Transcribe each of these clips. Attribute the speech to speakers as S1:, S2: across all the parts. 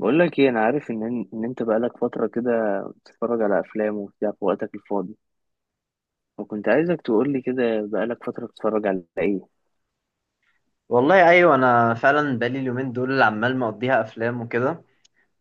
S1: بقول لك ايه، انا عارف ان انت بقالك فتره كده بتتفرج على افلام وبتاع في وقتك الفاضي، وكنت عايزك تقول لي كده بقالك فتره بتتفرج على ايه.
S2: والله ايوه، انا فعلا بقالي اليومين دول عمال مقضيها افلام وكده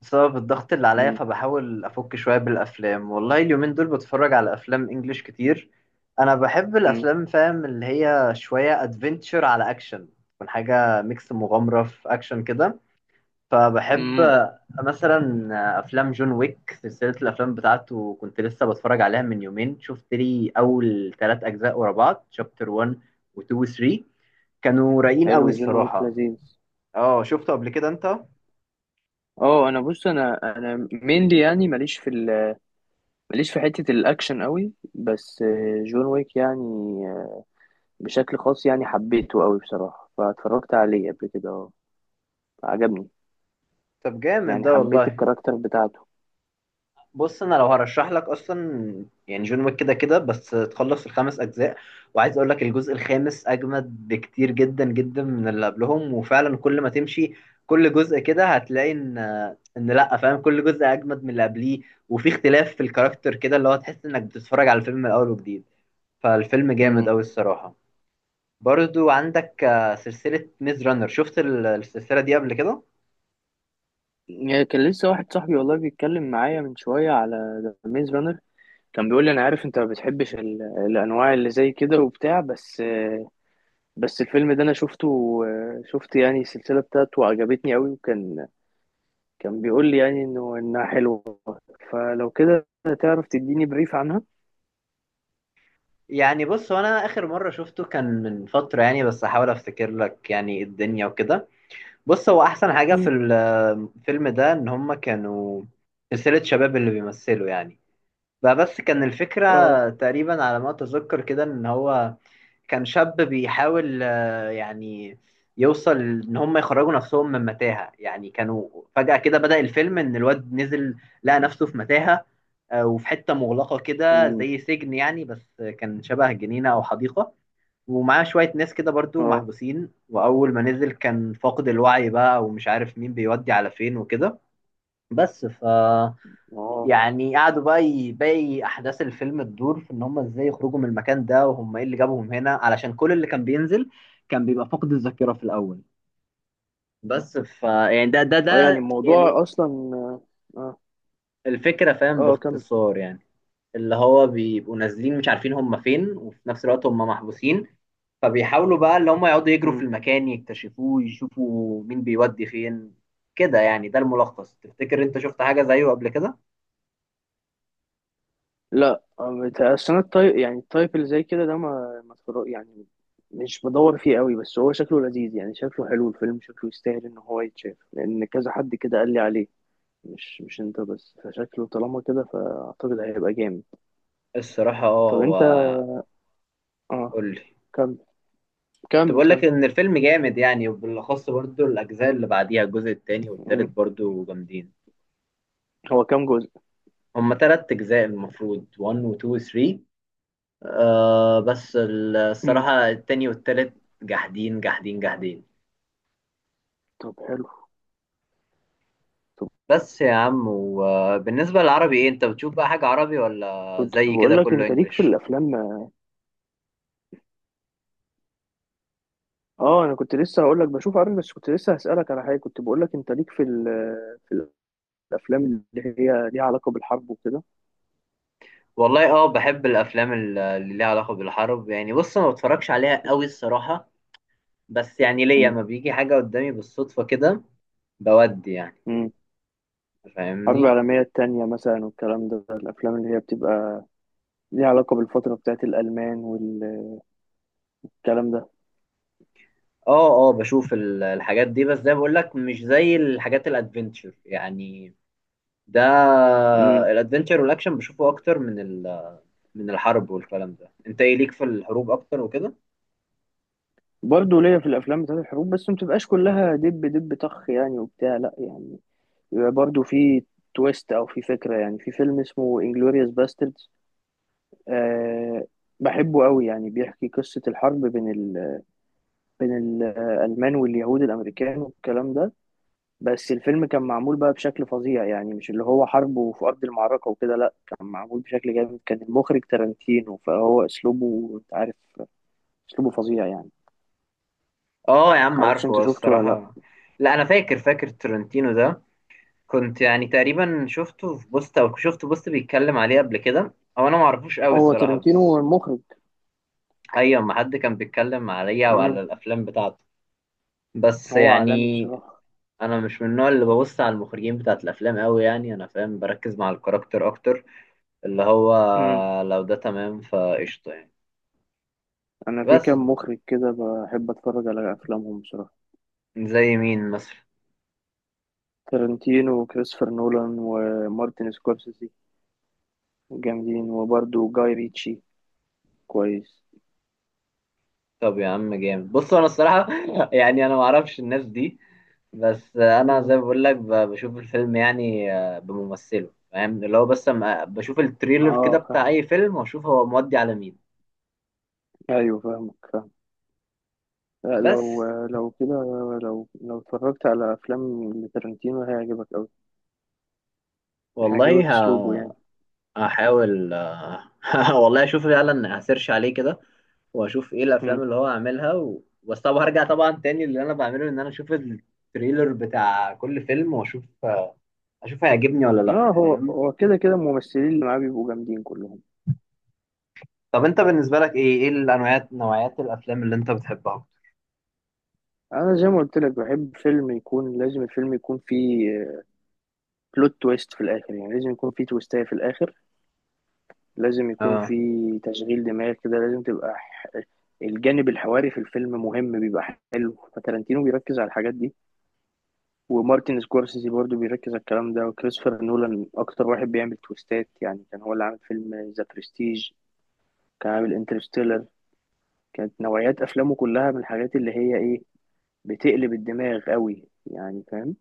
S2: بسبب الضغط اللي عليا،
S1: امم.
S2: فبحاول افك شويه بالافلام. والله اليومين دول بتفرج على افلام انجليش كتير. انا بحب
S1: امم.
S2: الافلام، فاهم اللي هي شويه ادفنتشر على اكشن. تكون حاجه ميكس مغامره في اكشن كده، فبحب
S1: امم.
S2: مثلا افلام جون ويك. سلسله الافلام بتاعته كنت لسه بتفرج عليها من يومين، شفت لي اول ثلاث اجزاء ورا بعض، شابتر 1 و2 و3. كانوا رايقين
S1: حلو،
S2: قوي
S1: جون ويك
S2: الصراحه.
S1: لذيذ.
S2: اه، شفته قبل كده انت؟
S1: اه، انا بص، انا مينلي، يعني ماليش في ماليش في حته الاكشن قوي، بس جون ويك يعني، آه، بشكل خاص يعني حبيته قوي بصراحه، فاتفرجت عليه قبل كده. اه، عجبني،
S2: طب جامد
S1: يعني
S2: ده
S1: حبيت
S2: والله.
S1: الكاركتر بتاعته.
S2: بص، انا لو هرشح لك اصلا يعني جون ويك كده كده، بس تخلص الخمس اجزاء. وعايز اقول لك الجزء الخامس اجمد بكتير جدا جدا من اللي قبلهم. وفعلا كل ما تمشي كل جزء كده هتلاقي ان لا، فاهم، كل جزء اجمد من اللي قبليه. وفي اختلاف في الكاركتر كده، اللي هو تحس انك بتتفرج على الفيلم من الاول وجديد. فالفيلم جامد اوي الصراحة. برضو عندك سلسلة ميز رانر. شفت السلسلة دي قبل كده؟
S1: يعني كان لسه واحد صاحبي والله بيتكلم معايا من شوية على ذا ميز رانر، كان بيقول لي أنا عارف أنت ما بتحبش الأنواع اللي زي كده وبتاع، بس الفيلم ده أنا شفته، شفت يعني السلسلة بتاعته وعجبتني أوي. وكان بيقول لي يعني إنها حلوة. فلو كده، تعرف تديني بريف عنها؟
S2: يعني بص، هو انا اخر مره شفته كان من فتره يعني، بس احاول افتكر لك يعني الدنيا وكده. بص، هو احسن حاجه في
S1: مم.
S2: الفيلم ده ان هم كانوا سلسله شباب اللي بيمثلوا يعني. بقى بس كان الفكره
S1: اه.
S2: تقريبا على ما اتذكر كده ان هو كان شاب بيحاول يعني يوصل ان هم يخرجوا نفسهم من متاهة. يعني كانوا فجأة كده بدأ الفيلم ان الواد نزل، لقى نفسه في متاهة. وفي حتة مغلقة كده
S1: امم.
S2: زي سجن يعني، بس كان شبه جنينة او حديقة. ومعاه شوية ناس كده برضو
S1: اه،
S2: محبوسين، وأول ما نزل كان فاقد الوعي بقى ومش عارف مين بيودي على فين وكده. بس
S1: اه،
S2: يعني قعدوا بقى، باقي احداث الفيلم تدور في ان هم ازاي يخرجوا من المكان ده، وهم ايه اللي جابهم هنا، علشان كل اللي كان بينزل كان بيبقى فقد الذاكره في الاول. بس يعني ده ده
S1: اه، يعني
S2: ده يعني
S1: الموضوع أصلا. اه.
S2: الفكره، فاهم،
S1: اه، كمل.
S2: باختصار يعني. اللي هو بيبقوا نازلين مش عارفين هم فين، وفي نفس الوقت هم محبوسين. فبيحاولوا بقى اللي هم يقعدوا يجروا في المكان، يكتشفوه، يشوفوا مين بيودي فين كده يعني. ده الملخص. تفتكر انت شفت حاجه زيه قبل كده؟
S1: لا، اصل انا التايب، يعني التايب اللي زي كده ده ما يعني مش بدور فيه قوي، بس هو شكله لذيذ، يعني شكله حلو، الفيلم شكله يستاهل ان هو يتشاف، لان كذا حد كده قال لي عليه، مش انت بس، فشكله طالما كده فاعتقد هيبقى جامد.
S2: الصراحه اه،
S1: طب
S2: هو
S1: انت، اه،
S2: قول لي.
S1: كمل
S2: كنت
S1: كمل
S2: بقول
S1: كمل.
S2: لك ان الفيلم جامد يعني، وبالاخص برضو الاجزاء اللي بعديها، الجزء التاني والتالت
S1: مم.
S2: برضو جامدين.
S1: هو كام جزء؟
S2: هما تلات اجزاء المفروض، 1 و 2 و 3. آه، بس
S1: مم.
S2: الصراحة التاني والتالت جاحدين، جاحدين، جاحدين.
S1: طب حلو. طب،
S2: بس يا عم، وبالنسبة للعربي ايه؟ انت بتشوف بقى حاجة عربي ولا
S1: كنت
S2: زي
S1: بقول
S2: كده
S1: لك
S2: كله
S1: انت ليك في
S2: انجليش؟
S1: الافلام. اه، انا كنت لسه هقول لك بشوف، عارف، بس كنت لسه هسألك على حاجه، كنت بقول لك انت ليك في في الافلام اللي هي ليها علاقه بالحرب وكده.
S2: والله اه، بحب الافلام اللي ليها علاقة بالحرب يعني. بص، ما بتفرجش عليها قوي الصراحة، بس يعني ليا،
S1: مم.
S2: ما بيجي حاجة قدامي بالصدفة كده بودي يعني،
S1: مم. حرب
S2: فاهمني.
S1: العالميه التانية مثلا والكلام ده، الافلام اللي هي بتبقى ليها علاقه بالفتره بتاعت الالمان والكلام ده.
S2: اه اه، بشوف الحاجات دي، بس زي ما بقول لك مش زي الحاجات الادفنتشر يعني. ده
S1: مم.
S2: الادفنتشر والاكشن بشوفه اكتر من من الحرب والكلام ده. انت ايه ليك في الحروب اكتر وكده؟
S1: برضه ليا في الافلام بتاعت الحروب، بس ما بتبقاش كلها دب دب طخ يعني وبتاع، لا، يعني بيبقى برضه في تويست او في فكره. يعني في فيلم اسمه انجلوريوس باستردز، أه، بحبه قوي، يعني بيحكي قصه الحرب بين بين الالمان واليهود الامريكان والكلام ده، بس الفيلم كان معمول بقى بشكل فظيع، يعني مش اللي هو حرب وفي أرض المعركة وكده، لأ، كان معمول بشكل جامد، كان المخرج تارانتينو، فهو أسلوبه أنت عارف، أسلوبه فظيع يعني.
S2: اه يا عم،
S1: معرفش أنت
S2: عارفه
S1: شفته ولا لأ.
S2: الصراحه. لا، انا فاكر ترنتينو ده، كنت يعني تقريبا شفته في بوست، او شفت بوست بيتكلم عليه قبل كده، او انا معرفوش قوي
S1: هو
S2: الصراحه،
S1: تارانتينو هو
S2: بس
S1: المخرج.
S2: ايوه، ما حد كان بيتكلم عليا
S1: مم.
S2: وعلى الافلام بتاعته. بس
S1: هو عالمي
S2: يعني
S1: بصراحة.
S2: انا مش من النوع اللي ببص على المخرجين بتاعت الافلام قوي يعني، انا فاهم بركز مع الكاركتر اكتر، اللي هو
S1: مم.
S2: لو ده تمام فقشطه يعني.
S1: أنا في
S2: بس
S1: كام مخرج كده بحب أتفرج على أفلامهم بصراحة.
S2: زي مين مثلا؟
S1: تارانتينو وكريستوفر نولان ومارتن سكورسيزي، جامدين، وبرده جاي ريتشي. كويس.
S2: طب يا عم جامد. بص انا الصراحه يعني انا ما اعرفش الناس دي، بس انا
S1: مم.
S2: زي ما بقول لك بشوف الفيلم يعني بممثله، فاهم اللي هو. بس أما بشوف التريلر
S1: اه،
S2: كده بتاع
S1: فاهم.
S2: اي فيلم، واشوف هو مودي على مين.
S1: ايوه، فاهمك. لا، لو
S2: بس
S1: لو كده، لو اتفرجت على افلام لتارنتينو هيعجبك قوي،
S2: والله،
S1: هيعجبك اسلوبه يعني.
S2: هحاول والله اشوف فعلا، هسيرش عليه كده واشوف ايه
S1: مم.
S2: الافلام اللي هو عاملها بس طبعا هرجع طبعا تاني. اللي انا بعمله ان انا اشوف التريلر بتاع كل فيلم، واشوف هيعجبني ولا
S1: اه،
S2: لا،
S1: هو
S2: فاهم.
S1: هو كده كده الممثلين اللي معاه بيبقوا جامدين كلهم.
S2: طب انت بالنسبه لك ايه الانواعات، نوعيات الافلام اللي انت بتحبها؟
S1: انا زي ما قلت لك بحب فيلم يكون، لازم الفيلم يكون فيه بلوت تويست في الاخر، يعني لازم يكون فيه تويستاية في الاخر، لازم يكون
S2: اه
S1: فيه تشغيل دماغ كده، لازم تبقى الجانب الحواري في الفيلم مهم، بيبقى حلو. فتارنتينو بيركز على الحاجات دي، ومارتن سكورسيزي برضو بيركز على الكلام ده، وكريستوفر نولان اكتر واحد بيعمل تويستات، يعني كان هو اللي عامل فيلم ذا برستيج، كان عامل انترستيلر، كانت نوعيات افلامه كلها من الحاجات اللي هي ايه، بتقلب الدماغ قوي يعني، فاهم؟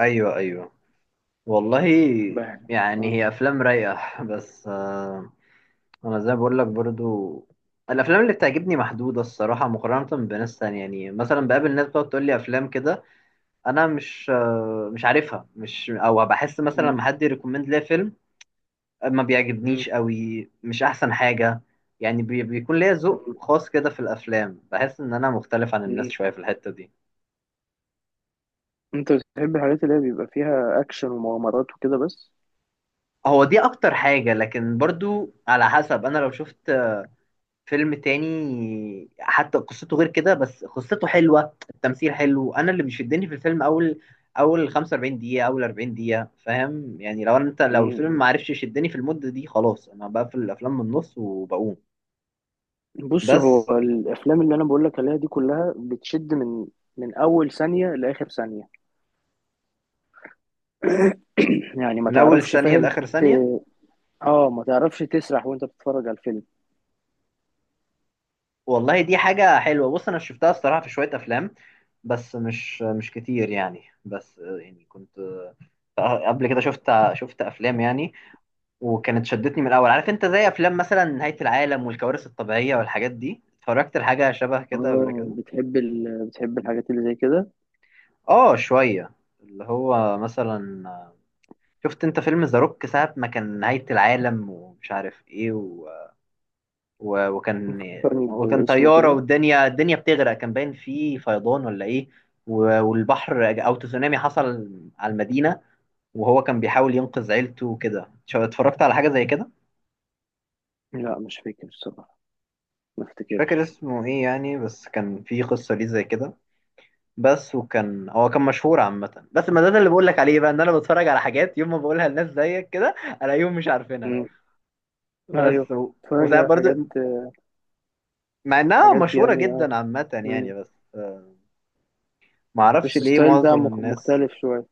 S2: ايوه ايوه. والله
S1: بهنا.
S2: يعني
S1: اه.
S2: هي افلام رايقه بس. انا زي ما بقول لك برضو، الافلام اللي بتعجبني محدوده الصراحه، مقارنه بناس تانية يعني. مثلا بقابل ناس بتقعد تقول لي افلام كده انا مش عارفها، مش، او بحس مثلا لما
S1: مم.
S2: حد يريكومند ليا فيلم، ما
S1: مم.
S2: بيعجبنيش قوي، مش احسن حاجه يعني. بيكون ليا ذوق
S1: مم.
S2: خاص كده في الافلام، بحس ان انا مختلف عن الناس
S1: مم.
S2: شويه في الحته دي.
S1: انت بتحب الحاجات اللي هي بيبقى فيها اكشن ومغامرات وكده بس.
S2: هو دي اكتر حاجه، لكن برضو على حسب. انا لو شفت فيلم تاني حتى قصته غير كده، بس قصته حلوة، التمثيل حلو، انا اللي بيشدني في الفيلم اول 45 دقيقة، اول 40 دقيقة، فاهم يعني. لو الفيلم
S1: مم.
S2: ما عرفش يشدني في المدة دي خلاص، انا بقفل الافلام من النص وبقوم.
S1: بص،
S2: بس
S1: هو الافلام اللي انا بقول لك عليها دي كلها بتشد من اول ثانية لاخر ثانية. يعني ما
S2: من اول
S1: تعرفش،
S2: ثانية
S1: فاهم،
S2: لاخر ثانية.
S1: اه، ما تعرفش تسرح وانت بتتفرج على الفيلم.
S2: والله دي حاجة حلوة، بص انا شفتها الصراحة في شوية افلام، بس مش كتير يعني. بس يعني كنت قبل كده شفت افلام يعني، وكانت شدتني من الاول، عارف انت، زي افلام مثلا نهاية العالم والكوارث الطبيعية والحاجات دي. اتفرجت لحاجة شبه كده قبل
S1: اه،
S2: كده.
S1: بتحب بتحب الحاجات اللي زي كده.
S2: اه شوية، اللي هو مثلا، شفت انت فيلم ذا روك ساعة ما كان نهاية العالم ومش عارف ايه و... و... وكان
S1: فكرني
S2: وكان
S1: باسمه
S2: طيارة،
S1: كده.
S2: والدنيا بتغرق، كان باين فيه فيضان ولا ايه، و... والبحر او تسونامي حصل على المدينة، وهو كان بيحاول ينقذ عيلته وكده. اتفرجت على حاجة زي كده.
S1: لا، مش فاكر الصراحة، ما
S2: مش فاكر
S1: افتكرش.
S2: اسمه ايه يعني، بس كان في قصة ليه زي كده، بس. وكان هو كان مشهور عامة، بس ما ده اللي بقول لك عليه بقى، ان انا بتفرج على حاجات يوم ما بقولها لناس زيك كده الاقيهم مش عارفينها.
S1: مم.
S2: بس
S1: ايوه،
S2: و...
S1: بتفرج
S2: وساعات
S1: على
S2: برضو
S1: حاجات،
S2: مع انها
S1: حاجات
S2: مشهورة
S1: يعني، اه.
S2: جدا عامة يعني،
S1: مم.
S2: بس آه، ما اعرفش
S1: بس
S2: ليه
S1: الستايل ده
S2: معظم الناس.
S1: مختلف شوية.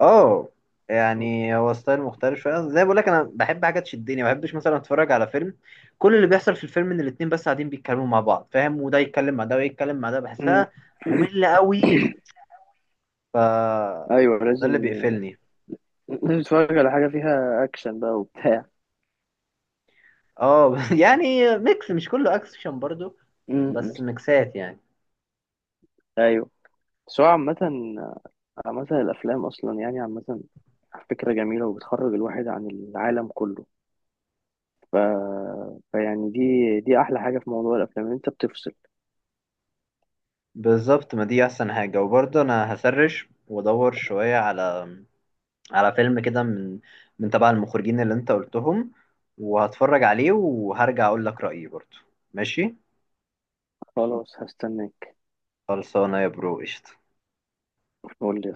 S2: اه، يعني هو ستايل مختلف شوية، زي بقول لك انا بحب حاجة تشدني. ما بحبش مثلا اتفرج على فيلم كل اللي بيحصل في الفيلم ان الاتنين بس قاعدين بيتكلموا مع بعض، فاهم، وده يتكلم مع ده ويتكلم مع ده،
S1: مم.
S2: بحسها مملة قوي. ف
S1: ايوه
S2: ده
S1: لازم.
S2: اللي بيقفلني.
S1: لازم تتفرج على حاجة فيها اكشن بقى وبتاع.
S2: اه يعني ميكس، مش كله اكشن برضو،
S1: مم.
S2: بس ميكسات يعني.
S1: ايوه، بس هو عامة، عامة الافلام اصلا يعني، عامة فكرة جميلة وبتخرج الواحد عن العالم كله. ف... فيعني، دي احلى حاجه في موضوع الافلام، إن انت بتفصل.
S2: بالظبط، ما دي احسن حاجة. وبرضه انا هسرش وادور شوية على فيلم كده من تبع المخرجين اللي انت قلتهم، وهتفرج عليه وهرجع اقول لك رأيي برضه. ماشي،
S1: خلاص، هستناك.
S2: خلصانة يا برو، قشطة.
S1: قول لي.